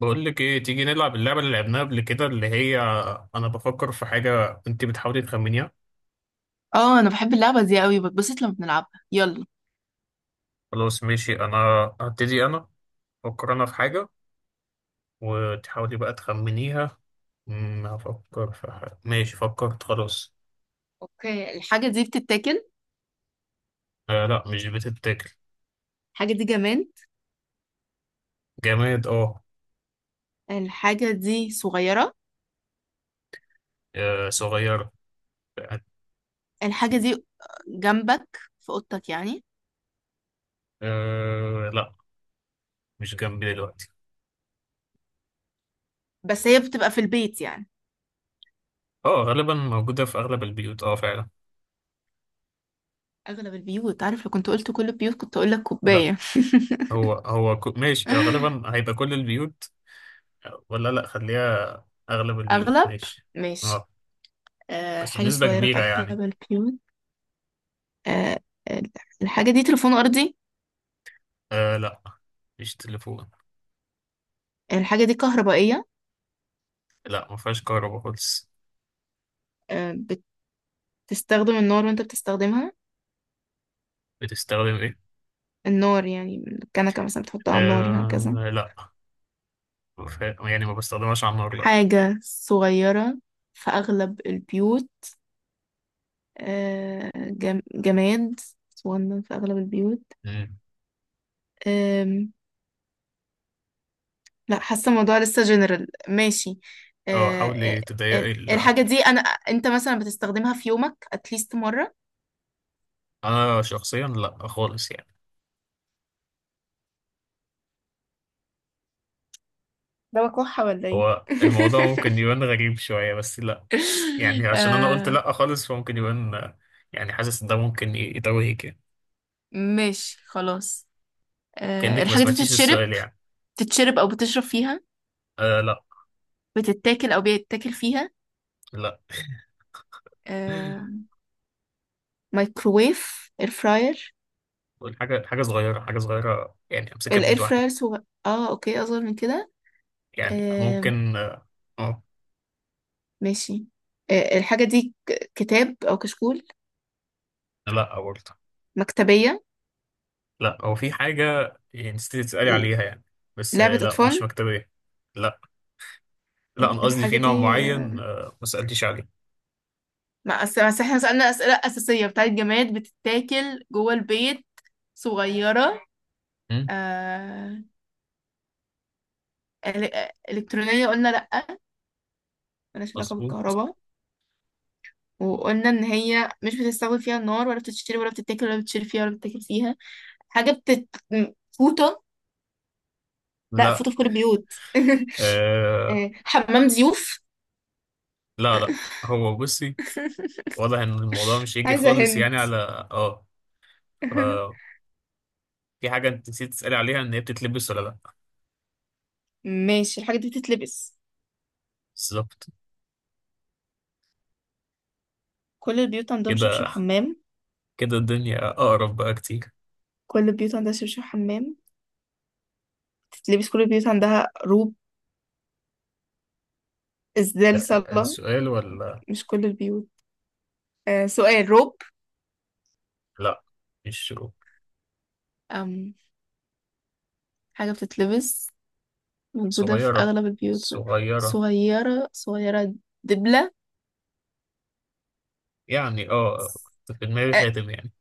بقول لك ايه؟ تيجي نلعب اللعبه اللي لعبناها قبل كده، اللي هي انا بفكر في حاجه انت بتحاولي تخمنيها. اه، انا بحب اللعبه دي قوي، بتبسط لما بنلعبها. يلا. خلاص ماشي، انا هبتدي. انا افكر في حاجه وتحاولي بقى تخمنيها. هفكر في حاجه. ماشي، فكرت خلاص. اوكي، الحاجه دي بتتاكل؟ آه لا، مش بتتاكل. الحاجه دي جماد؟ جماد، اه. الحاجه دي صغيره؟ آه، صغيره. الحاجه دي جنبك، في اوضتك يعني؟ آه لا، مش جنبي دلوقتي. بس هي بتبقى في البيت يعني؟ اه غالبا موجوده في اغلب البيوت، اه فعلا. اغلب البيوت؟ عارف، لو كنت قلت كل البيوت كنت اقول لك لا، كوبايه. ماشي آه، غالبا هيبقى كل البيوت. ولا لا، خليها اغلب البيوت اغلب، ماشي. ماشي. اه، أه، بس حاجه بنسبة صغيره في كبيرة يعني. اغلب البيوت. أه، ال- الحاجه دي تليفون ارضي؟ آه لا، مفيش تليفون. الحاجه دي كهربائيه؟ لا، مفيهاش كهرباء خالص. أه، بتستخدم النار وانت بتستخدمها؟ بتستخدم ايه؟ النار يعني، الكنكه مثلا بتحطها على النار هكذا. آه لا، يعني ما بستخدمهاش على النار، لا. حاجة صغيرة في أغلب البيوت، آه، جماد صغنن في أغلب البيوت. مم. آم، لا، حاسة الموضوع لسه جنرال ماشي. اه آه، حاولي تضيقي الحاجة دي أنا أنت مثلا بتستخدمها في يومك أتليست مرة. انا شخصيا لا خالص يعني. ده بكحة ولا إيه؟ هو الموضوع ممكن يبان غريب شوية، بس لا. يعني عشان انا قلت آه، لا خالص فممكن يبان آه، يعني حاسس ان ده ممكن يتوهك يعني. ماشي خلاص. كأنك ما الحاجة دي سمعتيش بتتشرب، السؤال يعني. بتتشرب أو بتشرب فيها؟ آه لا. بتتاكل أو بيتاكل فيها؟ لا. آه، مايكروويف، اير فراير. حاجة حاجة صغيرة، يعني أمسكها الاير بإيد واحدة. فراير صغير؟ اه اوكي، اصغر من كده. يعني آه، ممكن، آه. آه، ماشي. آه، الحاجة دي كتاب او كشكول؟ لا برضه. مكتبية؟ لا، هو في حاجة يعني نسيت تسألي ل- عليها يعني، بس آه لعبة لا، مش اطفال؟ مكتبية. لا. لا أنا قصدي الحاجة في نوع دي معين آه، آه، ما سألتيش عليه. ما أس- أصل احنا سألنا اسئلة اساسية بتاعت جماد، بتتاكل جوه البيت، صغيرة. مم، آه، الكترونية قلنا لأ، ملهاش علاقة مظبوط. بالكهرباء. وقلنا ان هي مش بتستخدم فيها النار، ولا بتتشرب، ولا بتتاكل، ولا بتشرب فيها، ولا بتتاكل فيها. حاجة فوطة؟ لا، لا. فوطة في كل البيوت. آه آه، حمام ضيوف؟ لا. لا. هو بصي، واضح إن الموضوع مش هيجي عايزة خالص هند. يعني، على آه. ف- في حاجة أنت نسيت تسألي عليها إن هي بتتلبس ولا لا. ماشي، الحاجة دي بتتلبس. بالظبط. كل البيوت عندهم شبشب كده، حمام. كده الدنيا أقرب بقى كتير. كل البيوت عندها شبشب حمام، بتتلبس. كل البيوت عندها روب. إزدال لا، صلاة؟ السؤال ولا. مش كل البيوت. آه، سؤال، روب؟ لا، مش شروب. أم، حاجة بتتلبس، موجودة في صغيرة، أغلب البيوت، صغيرة صغيرة، صغيرة. دبلة. يعني. اه، كنت في دماغي آه، خاتم يعني.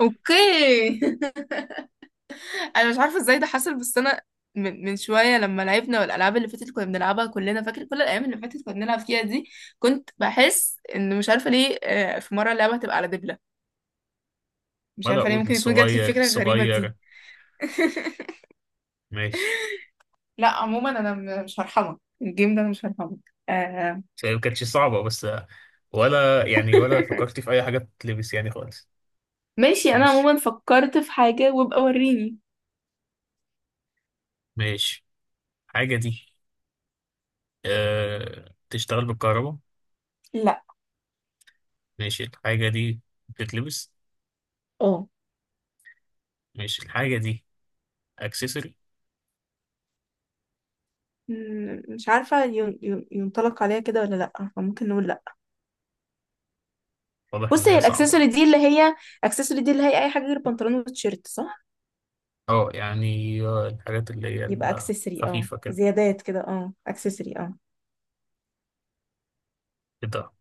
أوكي. انا مش عارفه ازاي ده حصل، بس انا من شويه لما لعبنا، والالعاب اللي فاتت كنا بنلعبها كلنا، فاكر كل الايام اللي فاتت كنا بنلعب فيها دي، كنت بحس ان مش عارفه ليه آه، في مره اللعبه هتبقى على دبله. مش ولا عارفه ليه أقول ممكن يكون جات لي صغير الفكره الغريبه دي. صغير. ماشي. لا عموما انا مش هرحمك الجيم ده، انا مش هرحمك. آه، بس هي ما كانتش صعبة بس، ولا يعني، ولا فكرت في أي حاجة تتلبس يعني خالص. ماشي، انا ماشي. عموما فكرت في حاجه، وابقى وريني. ماشي. الحاجة دي أه تشتغل بالكهرباء؟ لا، ماشي، الحاجة دي بتتلبس. اه ماشي، الحاجة دي أكسسوري. مش عارفه ينطلق عليها كده ولا لا، فممكن نقول لا. واضح إن بص، هي هي صعبة. الاكسسوري دي اللي هي، اكسسوري دي اللي هي اي حاجه غير بنطلون وتيشيرت، صح؟ اه يعني آه، الحاجات اللي هي يبقى اكسسوري، اه، الخفيفة كده. زيادات كده، اه، اكسسوري، اه. كده.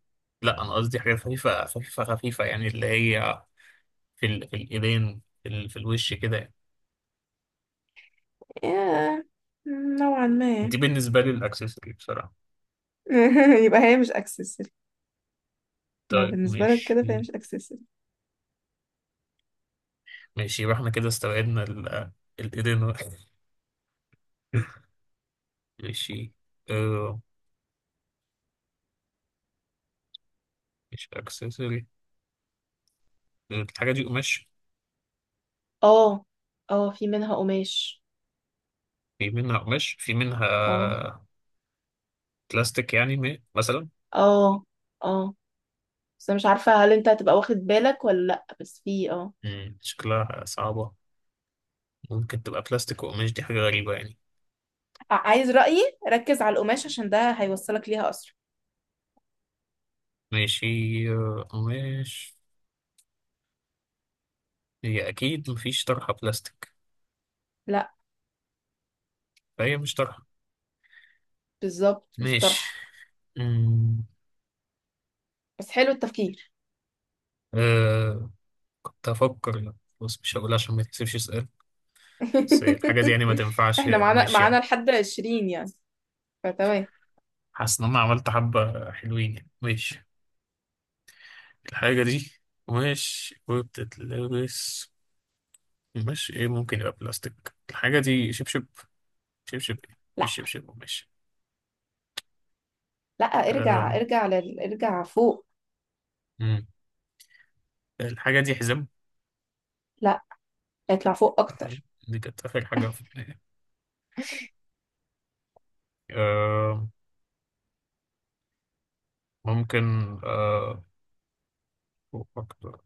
لا انا قصدي حاجات خفيفه خفيفه خفيفه، يعني اللي هي في ال، في الايدين في، ال، في الوش كده يعني. ياه، نوعا ما. دي بالنسبه لي الاكسسوري بصراحه. يبقى هي مش اكسسوري. ما طيب بالنسبة لك كده فهي ماشي. مش اكسسوري. ماشي يبقى احنا كده استوعبنا ال، الايدين. ماشي. آه مش اكسسوري. الحاجه دي قماش؟ اه، اه في منها قماش. في منها قماش، في منها اه، بلاستيك يعني مثلا. اه، اه، بس انا مش عارفة هل انت هتبقى واخد بالك ولا لأ، بس في اه. مم، شكلها صعبه. ممكن تبقى بلاستيك وقماش، دي حاجه غريبه يعني. عايز رأيي؟ ركز على القماش عشان ده هيوصلك ليها أسرع. ماشي آه، قماش. هي اكيد مفيش طرحه بلاستيك، لأ، فهي مش طرحه. بالظبط مش ماشي. طرحة. أمم، بس حلو التفكير. آه، كنت هفكر لا. بص مش هقول عشان ما تكسبش سؤال. بس الحاجة دي يعني ما تنفعش احنا معانا قماش معانا يعني. لحد 20 يعني، فتمام. حاسس إن أنا عملت حبة حلوين يعني. ماشي، الحاجة دي قماش وبتتلبس. قماش إيه ممكن يبقى بلاستيك؟ الحاجة دي شبشب. شبشب إيه؟ في شبشب قماش؟ لا، ارجع، آه، ارجع لل... ارجع فوق. أمم، الحاجة دي حزام. لا، اطلع فوق آه، اكتر. دي كانت آخر حاجة في دماغي. آه ممكن، آه، أفكر.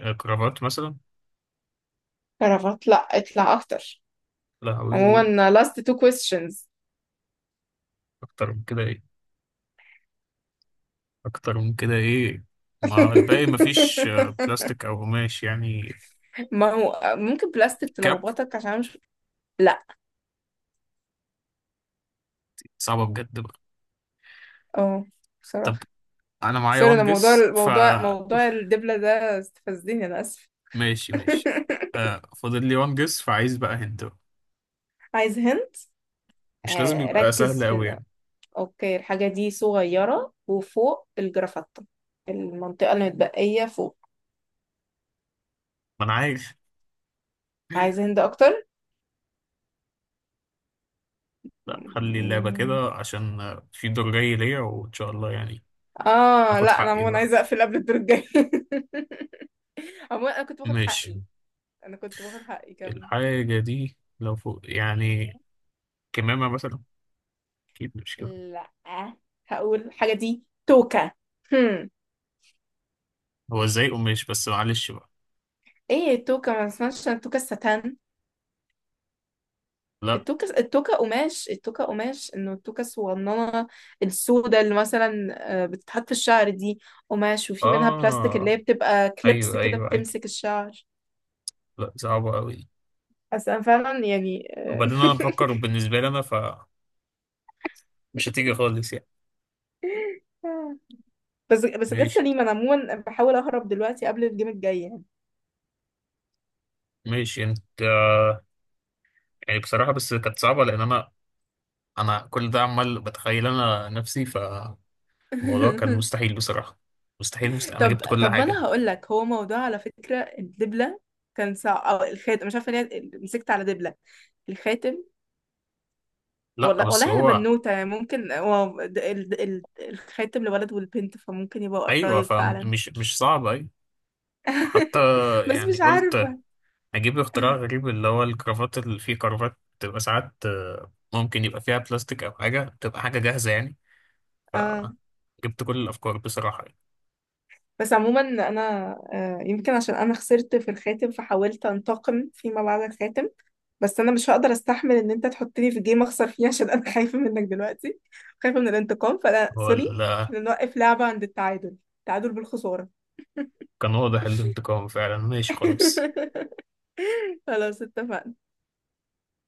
آه، كرافات مثلا. عرفت؟ لا، اطلع اكتر. لا. عموما last two questions. اكتر من كده ايه؟ اكتر من كده ايه؟ ما الباقي مفيش آه، بلاستيك او قماش يعني. ما هو ممكن بلاستيك كاب. تلخبطك عشان مش. لا. صعبة بجد بقى. اه، بصراحة. طب، انا معايا سوري، انا وان موضوع جس ف الموضوع موضوع الدبلة ده استفزني، انا اسف. ماشي، ماشي. آه فاضل لي وان جس، فعايز بقى هنت بقى. عايز هنت. مش لازم آه، يبقى سهل ركز قوي في. يعني. اوكي، الحاجة دي صغيرة وفوق الجرافطة، المنطقة المتبقية فوق. ما انا عارف. عايز هند اكتر. لا خلي اللعبة كده، عشان آه، في دور جاي ليا، وان شاء الله يعني. اه اخد لا، انا حقي عموما بقى. عايزه اقفل قبل الدور الجاي. عموما انا كنت باخد ماشي، حقي، انا كنت باخد حقي كم. الحاجة دي لو فوق يعني كمامة مثلا؟ اكيد مش كده. لا، هقول حاجه، دي توكه. هم. هو ازاي قماش؟ بس معلش بقى. ايه التوكه؟ ما اسمهاش التوكه الستان، لا. التوكه، التوكه قماش، التوكه قماش انه، التوكه الصغننه السوداء اللي مثلا آه، بتتحط في الشعر دي، قماش وفي منها بلاستيك اللي اه، هي بتبقى كليبس ايوه كده ايوه ايوه. بتمسك الشعر. لا، صعبة أوي دي. اصل انا فعلا يعني وبعدين أنا بفكر بالنسبة لي أنا، فمش هتيجي خالص يعني. آه، بس بس جت ماشي، سليمة، انا عموما بحاول اهرب دلوقتي قبل الجيم الجاي يعني. ماشي يعني أنت، يعني بصراحة بس كانت صعبة لأن أنا، أنا كل ده عمال بتخيل أنا نفسي فالموضوع. كان مستحيل بصراحة. مستحيل، مستحيل، أنا طب جبت كل طب ما حاجة. انا هقول لك، هو موضوع على فكرة الدبلة كان صعب، او الخاتم، مش عارفة ليه مسكت على دبلة، الخاتم. لا والله بس والله انا هو، بنوتة يعني، ممكن هو الخاتم لولد والبنت فممكن يبقى أيوه قريب فعلا. فمش مش صعب، أيوه. حتى بس يعني مش قلت عارفة. أجيب اختراع غريب، اللي هو الكرافات، اللي فيه كرافات بتبقى ساعات آه، ممكن يبقى فيها بلاستيك أو حاجة، بتبقى حاجة جاهزة يعني. اه، جبت كل الأفكار بصراحة يعني. بس عموما انا آه، يمكن عشان انا خسرت في الخاتم فحاولت انتقم فيما بعد الخاتم. بس انا مش هقدر استحمل ان انت تحطني في جيم اخسر فيه عشان انا خايفه منك دلوقتي، خايفه من الانتقام، فانا هو سوري. ال، إحنا نوقف لعبه عند التعادل، تعادل بالخساره. كان واضح الانتقام فعلا. ماشي خلاص. خلاص اتفقنا.